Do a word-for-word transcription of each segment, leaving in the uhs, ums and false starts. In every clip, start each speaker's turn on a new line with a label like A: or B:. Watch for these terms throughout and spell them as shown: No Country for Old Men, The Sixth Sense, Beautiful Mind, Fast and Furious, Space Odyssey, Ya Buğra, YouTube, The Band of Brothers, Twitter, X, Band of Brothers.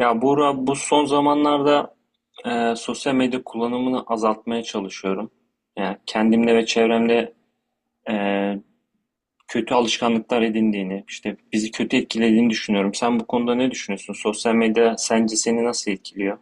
A: Ya Buğra, bu son zamanlarda e, sosyal medya kullanımını azaltmaya çalışıyorum. Yani kendimle ve çevremde e, kötü alışkanlıklar edindiğini, işte bizi kötü etkilediğini düşünüyorum. Sen bu konuda ne düşünüyorsun? Sosyal medya sence seni nasıl etkiliyor?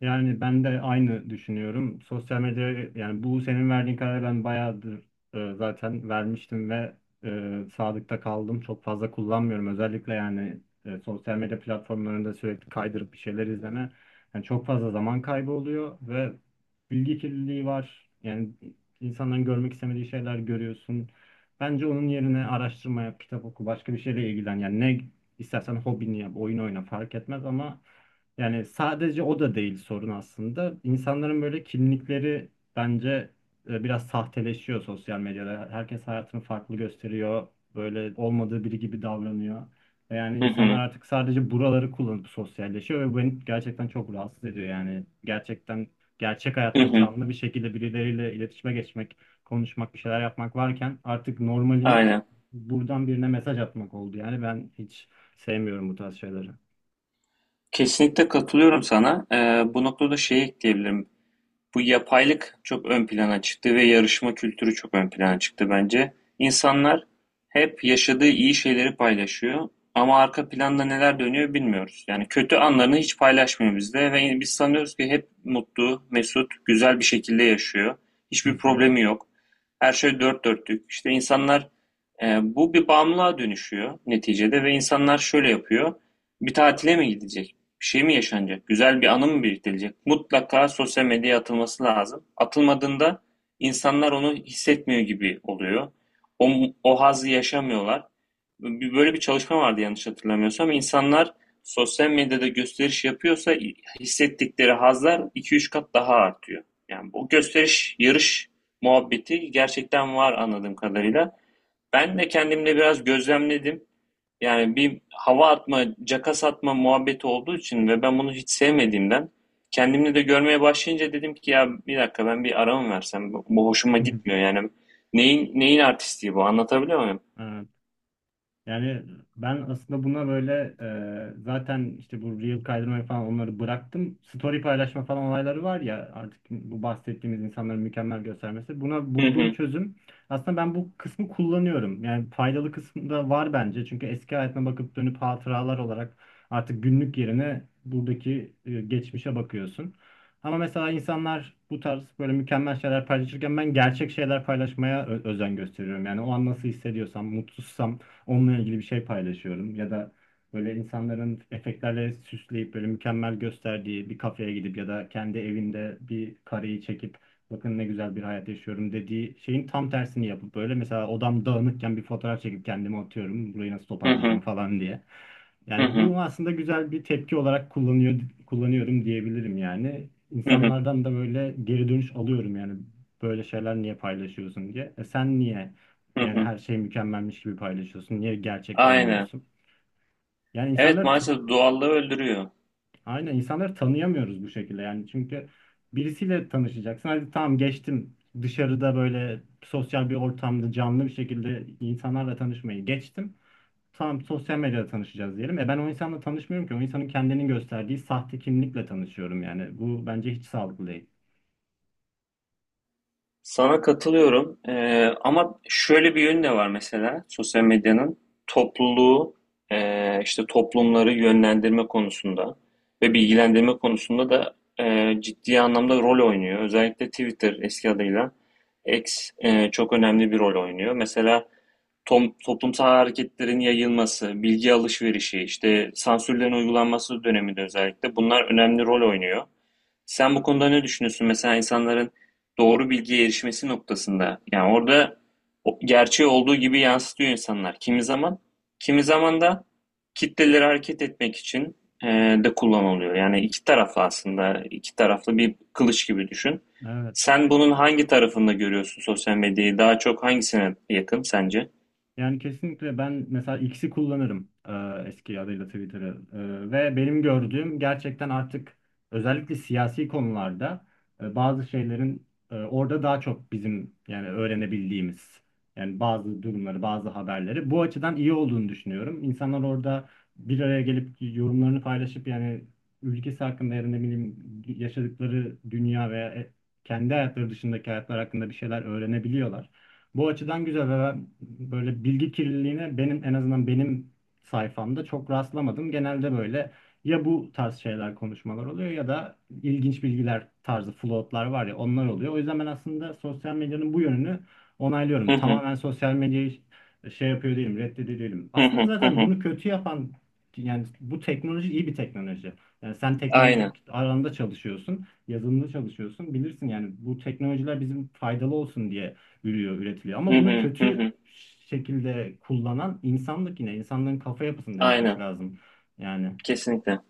B: Yani ben de aynı düşünüyorum. Sosyal medya yani bu senin verdiğin kararı ben bayağıdır e, zaten vermiştim ve e, sadıkta kaldım. Çok fazla kullanmıyorum. Özellikle yani e, sosyal medya platformlarında sürekli kaydırıp bir şeyler izleme. Yani çok fazla zaman kaybı oluyor ve bilgi kirliliği var. Yani insanların görmek istemediği şeyler görüyorsun. Bence onun yerine araştırma yap, kitap oku, başka bir şeyle ilgilen. Yani ne istersen hobini yap, oyun oyna fark etmez ama yani sadece o da değil sorun aslında. İnsanların böyle kimlikleri bence e, biraz sahteleşiyor sosyal medyada. Herkes hayatını farklı gösteriyor. Böyle olmadığı biri gibi davranıyor. Ve yani
A: Hı
B: insanlar
A: hı,
B: artık sadece buraları kullanıp sosyalleşiyor ve bu beni gerçekten çok rahatsız ediyor. Yani gerçekten gerçek
A: hı
B: hayatta
A: hı,
B: canlı bir şekilde birileriyle iletişime geçmek, konuşmak, bir şeyler yapmak varken artık normalimiz
A: aynen.
B: buradan birine mesaj atmak oldu. Yani ben hiç sevmiyorum bu tarz şeyleri.
A: Kesinlikle katılıyorum sana. E, bu noktada şeyi ekleyebilirim. Bu yapaylık çok ön plana çıktı ve yarışma kültürü çok ön plana çıktı bence. İnsanlar hep yaşadığı iyi şeyleri paylaşıyor ama arka planda neler dönüyor bilmiyoruz. Yani kötü anlarını hiç paylaşmıyor bizde ve biz sanıyoruz ki hep mutlu, mesut, güzel bir şekilde yaşıyor.
B: Hı
A: Hiçbir
B: hı.
A: problemi yok. Her şey dört dörtlük. İşte insanlar e, bu bir bağımlılığa dönüşüyor neticede ve insanlar şöyle yapıyor. Bir tatile mi gidecek? Bir şey mi yaşanacak? Güzel bir anı mı biriktirilecek? Mutlaka sosyal medyaya atılması lazım. Atılmadığında insanlar onu hissetmiyor gibi oluyor. O, o hazzı yaşamıyorlar. Böyle bir çalışma vardı yanlış hatırlamıyorsam. İnsanlar sosyal medyada gösteriş yapıyorsa hissettikleri hazlar iki üç kat daha artıyor. Yani bu gösteriş, yarış muhabbeti gerçekten var anladığım kadarıyla. Ben de kendimle biraz gözlemledim. Yani bir hava atma, caka satma muhabbeti olduğu için ve ben bunu hiç sevmediğimden kendimde de görmeye başlayınca dedim ki ya bir dakika ben bir ara mı versem? Bu, bu hoşuma
B: Hı hı.
A: gitmiyor yani. Neyin neyin artistliği bu? Anlatabiliyor muyum?
B: Evet. Yani ben aslında buna böyle e, zaten işte bu reel kaydırmayı falan onları bıraktım. Story paylaşma falan olayları var ya artık bu bahsettiğimiz insanların mükemmel göstermesi. Buna
A: Hı
B: bulduğum
A: hı.
B: çözüm aslında ben bu kısmı kullanıyorum. Yani faydalı kısmı da var bence. Çünkü eski hayatına bakıp dönüp hatıralar olarak artık günlük yerine buradaki e, geçmişe bakıyorsun. Ama mesela insanlar bu tarz böyle mükemmel şeyler paylaşırken ben gerçek şeyler paylaşmaya ö- özen gösteriyorum. Yani o an nasıl hissediyorsam, mutsuzsam onunla ilgili bir şey paylaşıyorum ya da böyle insanların efektlerle süsleyip böyle mükemmel gösterdiği bir kafeye gidip ya da kendi evinde bir kareyi çekip bakın ne güzel bir hayat yaşıyorum dediği şeyin tam tersini yapıp böyle mesela odam dağınıkken bir fotoğraf çekip kendime atıyorum burayı nasıl
A: Hı
B: toparlayacağım
A: hı.
B: falan diye.
A: Hı
B: Yani
A: hı.
B: bu aslında güzel bir tepki olarak kullanıyor kullanıyorum diyebilirim yani.
A: Hı hı.
B: İnsanlardan da böyle geri dönüş alıyorum yani böyle şeyler niye paylaşıyorsun diye. E sen niye
A: Hı
B: yani
A: hı.
B: her şey mükemmelmiş gibi paylaşıyorsun. Niye gerçek
A: Aynen.
B: olmuyorsun? Yani
A: Evet,
B: insanları ta-
A: maalesef doğallığı öldürüyor.
B: aynen insanları tanıyamıyoruz bu şekilde. Yani çünkü birisiyle tanışacaksın. Hadi tamam geçtim. Dışarıda böyle sosyal bir ortamda canlı bir şekilde insanlarla tanışmayı geçtim. Tamam sosyal medyada tanışacağız diyelim. E ben o insanla tanışmıyorum ki. O insanın kendini gösterdiği sahte kimlikle tanışıyorum yani. Bu bence hiç sağlıklı değil.
A: Sana katılıyorum. Eee, ama şöyle bir yönü de var mesela sosyal medyanın topluluğu, eee, işte toplumları yönlendirme konusunda ve bilgilendirme konusunda da eee, ciddi anlamda rol oynuyor. Özellikle Twitter, eski adıyla X, eee, çok önemli bir rol oynuyor. Mesela tom- toplumsal hareketlerin yayılması, bilgi alışverişi, işte sansürlerin uygulanması döneminde özellikle bunlar önemli rol oynuyor. Sen bu konuda ne düşünüyorsun? Mesela insanların doğru bilgiye erişmesi noktasında. Yani orada o- gerçeği olduğu gibi yansıtıyor insanlar. Kimi zaman, kimi zaman da kitleleri hareket etmek için e, de kullanılıyor. Yani iki taraflı aslında, iki taraflı bir kılıç gibi düşün.
B: Evet.
A: Sen bunun hangi tarafında görüyorsun sosyal medyayı? Daha çok hangisine yakın sence?
B: Yani kesinlikle ben mesela X'i kullanırım, e, eski adıyla Twitter'ı. E, ve benim gördüğüm gerçekten artık özellikle siyasi konularda e, bazı şeylerin e, orada daha çok bizim yani öğrenebildiğimiz yani bazı durumları bazı haberleri bu açıdan iyi olduğunu düşünüyorum. İnsanlar orada bir araya gelip yorumlarını paylaşıp yani ülkesi hakkında ya da ne bileyim yaşadıkları dünya veya e, kendi hayatları dışındaki hayatlar hakkında bir şeyler öğrenebiliyorlar. Bu açıdan güzel ve ben böyle bilgi kirliliğine benim en azından benim sayfamda çok rastlamadım. Genelde böyle ya bu tarz şeyler konuşmalar oluyor ya da ilginç bilgiler tarzı floatlar var ya onlar oluyor. O yüzden ben aslında sosyal medyanın bu yönünü
A: Hı
B: onaylıyorum.
A: hı,
B: Tamamen sosyal medyayı şey yapıyor değilim, reddediyor değilim.
A: hı hı,
B: Aslında
A: hı
B: zaten
A: hı.
B: bunu kötü yapan yani bu teknoloji iyi bir teknoloji. Yani sen
A: Aynen.
B: teknolojik alanda çalışıyorsun, yazılımda çalışıyorsun. Bilirsin yani bu teknolojiler bizim faydalı olsun diye ürüyor, üretiliyor.
A: Hı
B: Ama bunu
A: hı, hı
B: kötü
A: hı.
B: şekilde kullanan insanlık yine. İnsanların kafa yapısının değişmesi
A: Aynen.
B: lazım. Yani.
A: Kesinlikle.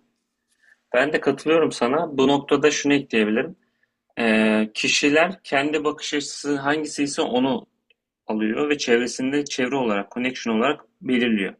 A: Ben de katılıyorum sana. Bu noktada şunu ekleyebilirim. Ee, kişiler kendi bakış açısı hangisi ise onu alıyor ve çevresinde çevre olarak, connection olarak belirliyor.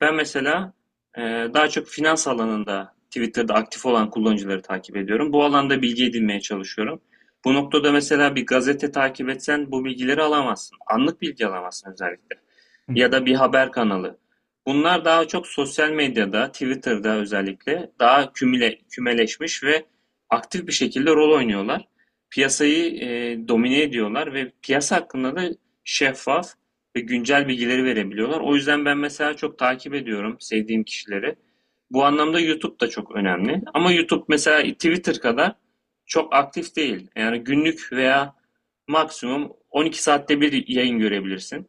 A: Ben mesela e, daha çok finans alanında Twitter'da aktif olan kullanıcıları takip ediyorum. Bu alanda bilgi edinmeye çalışıyorum. Bu noktada mesela bir gazete takip etsen bu bilgileri alamazsın. Anlık bilgi alamazsın, özellikle,
B: Hı
A: ya da bir haber kanalı. Bunlar daha çok sosyal medyada, Twitter'da özellikle daha kümüle, kümeleşmiş ve aktif bir şekilde rol oynuyorlar. Piyasayı e, domine ediyorlar ve piyasa hakkında da şeffaf ve güncel bilgileri verebiliyorlar. O yüzden ben mesela çok takip ediyorum sevdiğim kişileri. Bu anlamda YouTube da çok önemli. Ama YouTube mesela Twitter kadar çok aktif değil. Yani günlük veya maksimum on iki saatte bir yayın görebilirsin,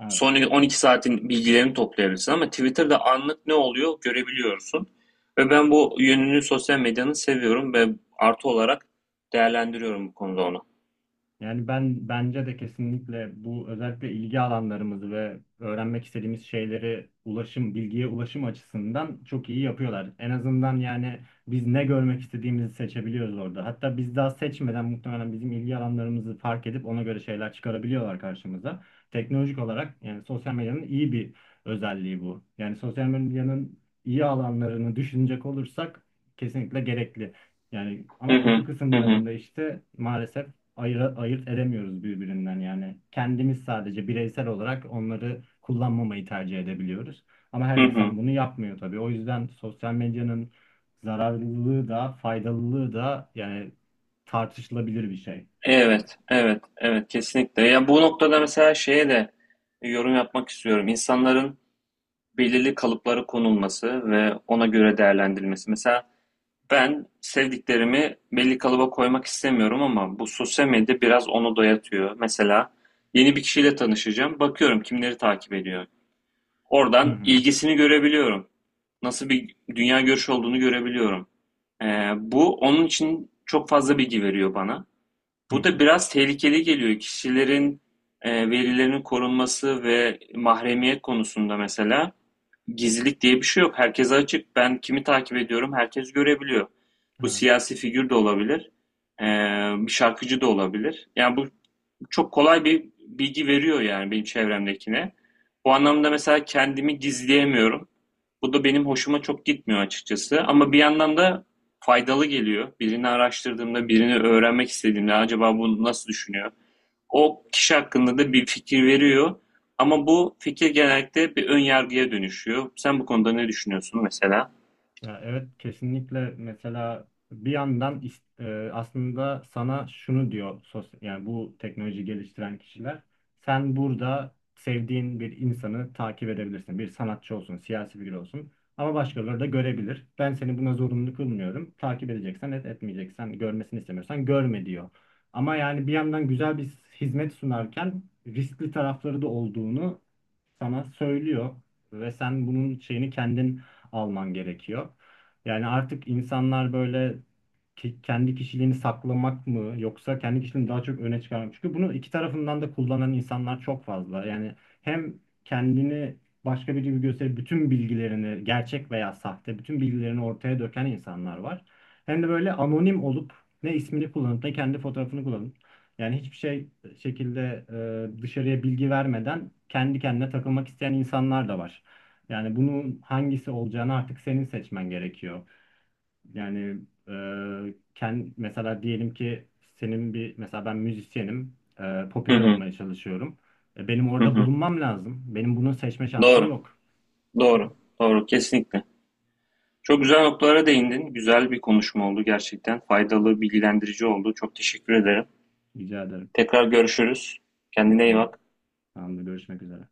B: hı.
A: son on iki saatin bilgilerini toplayabilirsin ama Twitter'da anlık ne oluyor görebiliyorsun. Ve ben bu yönünü sosyal medyanın seviyorum ve artı olarak değerlendiriyorum bu konuda onu.
B: Yani ben bence de kesinlikle bu özellikle ilgi alanlarımızı ve öğrenmek istediğimiz şeyleri ulaşım, bilgiye ulaşım açısından çok iyi yapıyorlar. En azından yani biz ne görmek istediğimizi seçebiliyoruz orada. Hatta biz daha seçmeden muhtemelen bizim ilgi alanlarımızı fark edip ona göre şeyler çıkarabiliyorlar karşımıza. Teknolojik olarak yani sosyal medyanın iyi bir özelliği bu. Yani sosyal medyanın iyi alanlarını düşünecek olursak kesinlikle gerekli. Yani
A: Hı
B: ama
A: hı,
B: kötü
A: hı hı,
B: kısımlarında işte maalesef ayıra- ayırt edemiyoruz birbirinden yani. Kendimiz sadece bireysel olarak onları kullanmamayı tercih edebiliyoruz. Ama her
A: hı hı.
B: insan bunu yapmıyor tabii. O yüzden sosyal medyanın zararlılığı da faydalılığı da yani tartışılabilir bir şey. Yani.
A: Evet, evet, evet, kesinlikle. Ya bu noktada mesela şeye de yorum yapmak istiyorum. İnsanların belirli kalıplara konulması ve ona göre değerlendirilmesi. Mesela ben sevdiklerimi belli kalıba koymak istemiyorum ama bu sosyal medya biraz onu dayatıyor. Mesela yeni bir kişiyle tanışacağım. Bakıyorum kimleri takip ediyor.
B: Hı
A: Oradan
B: hı,
A: ilgisini görebiliyorum. Nasıl bir dünya görüşü olduğunu görebiliyorum. Ee, bu onun için çok fazla bilgi veriyor bana.
B: hı
A: Bu
B: hı.
A: da biraz tehlikeli geliyor. Kişilerin e, verilerinin korunması ve mahremiyet konusunda mesela, gizlilik diye bir şey yok. Herkese açık. Ben kimi takip ediyorum, herkes görebiliyor. Bu
B: Evet.
A: siyasi figür de olabilir, ee, bir şarkıcı da olabilir. Yani bu çok kolay bir bilgi veriyor yani benim çevremdekine. Bu anlamda mesela kendimi gizleyemiyorum. Bu da benim hoşuma çok gitmiyor açıkçası. Ama bir yandan da faydalı geliyor. Birini araştırdığımda, birini öğrenmek istediğimde acaba bunu nasıl düşünüyor? O kişi hakkında da bir fikir veriyor. Ama bu fikir genellikle bir ön yargıya dönüşüyor. Sen bu konuda ne düşünüyorsun mesela?
B: Ya evet kesinlikle mesela bir yandan is- e, aslında sana şunu diyor sos yani bu teknoloji geliştiren kişiler sen burada sevdiğin bir insanı takip edebilirsin. Bir sanatçı olsun, siyasi figür olsun ama başkaları da görebilir. Ben seni buna zorunlu kılmıyorum. Takip edeceksen et, etmeyeceksen, görmesini istemiyorsan görme diyor. Ama yani bir yandan güzel bir hizmet sunarken riskli tarafları da olduğunu sana söylüyor ve sen bunun şeyini kendin alman gerekiyor. Yani artık insanlar böyle ki- kendi kişiliğini saklamak mı yoksa kendi kişiliğini daha çok öne çıkarmak. Çünkü bunu iki tarafından da kullanan insanlar çok fazla. Yani hem kendini başka biri gibi gösterip bütün bilgilerini gerçek veya sahte bütün bilgilerini ortaya döken insanlar var. Hem de böyle anonim olup ne ismini kullanıp ne kendi fotoğrafını kullanıp yani hiçbir şey e, şekilde e, dışarıya bilgi vermeden kendi kendine takılmak isteyen insanlar da var. Yani bunun hangisi olacağını artık senin seçmen gerekiyor. Yani e, ken- mesela diyelim ki senin bir mesela ben müzisyenim, e,
A: Hı
B: popüler
A: hı,
B: olmaya çalışıyorum. E, benim
A: hı
B: orada
A: hı.
B: bulunmam lazım. Benim bunu seçme şansım
A: Doğru,
B: yok.
A: doğru, doğru, kesinlikle. Çok güzel noktalara değindin. Güzel bir konuşma oldu gerçekten. Faydalı, bilgilendirici oldu. Çok teşekkür ederim.
B: Rica ederim.
A: Tekrar görüşürüz. Kendine iyi
B: Tamam.
A: bak.
B: Tamamdır. Görüşmek üzere.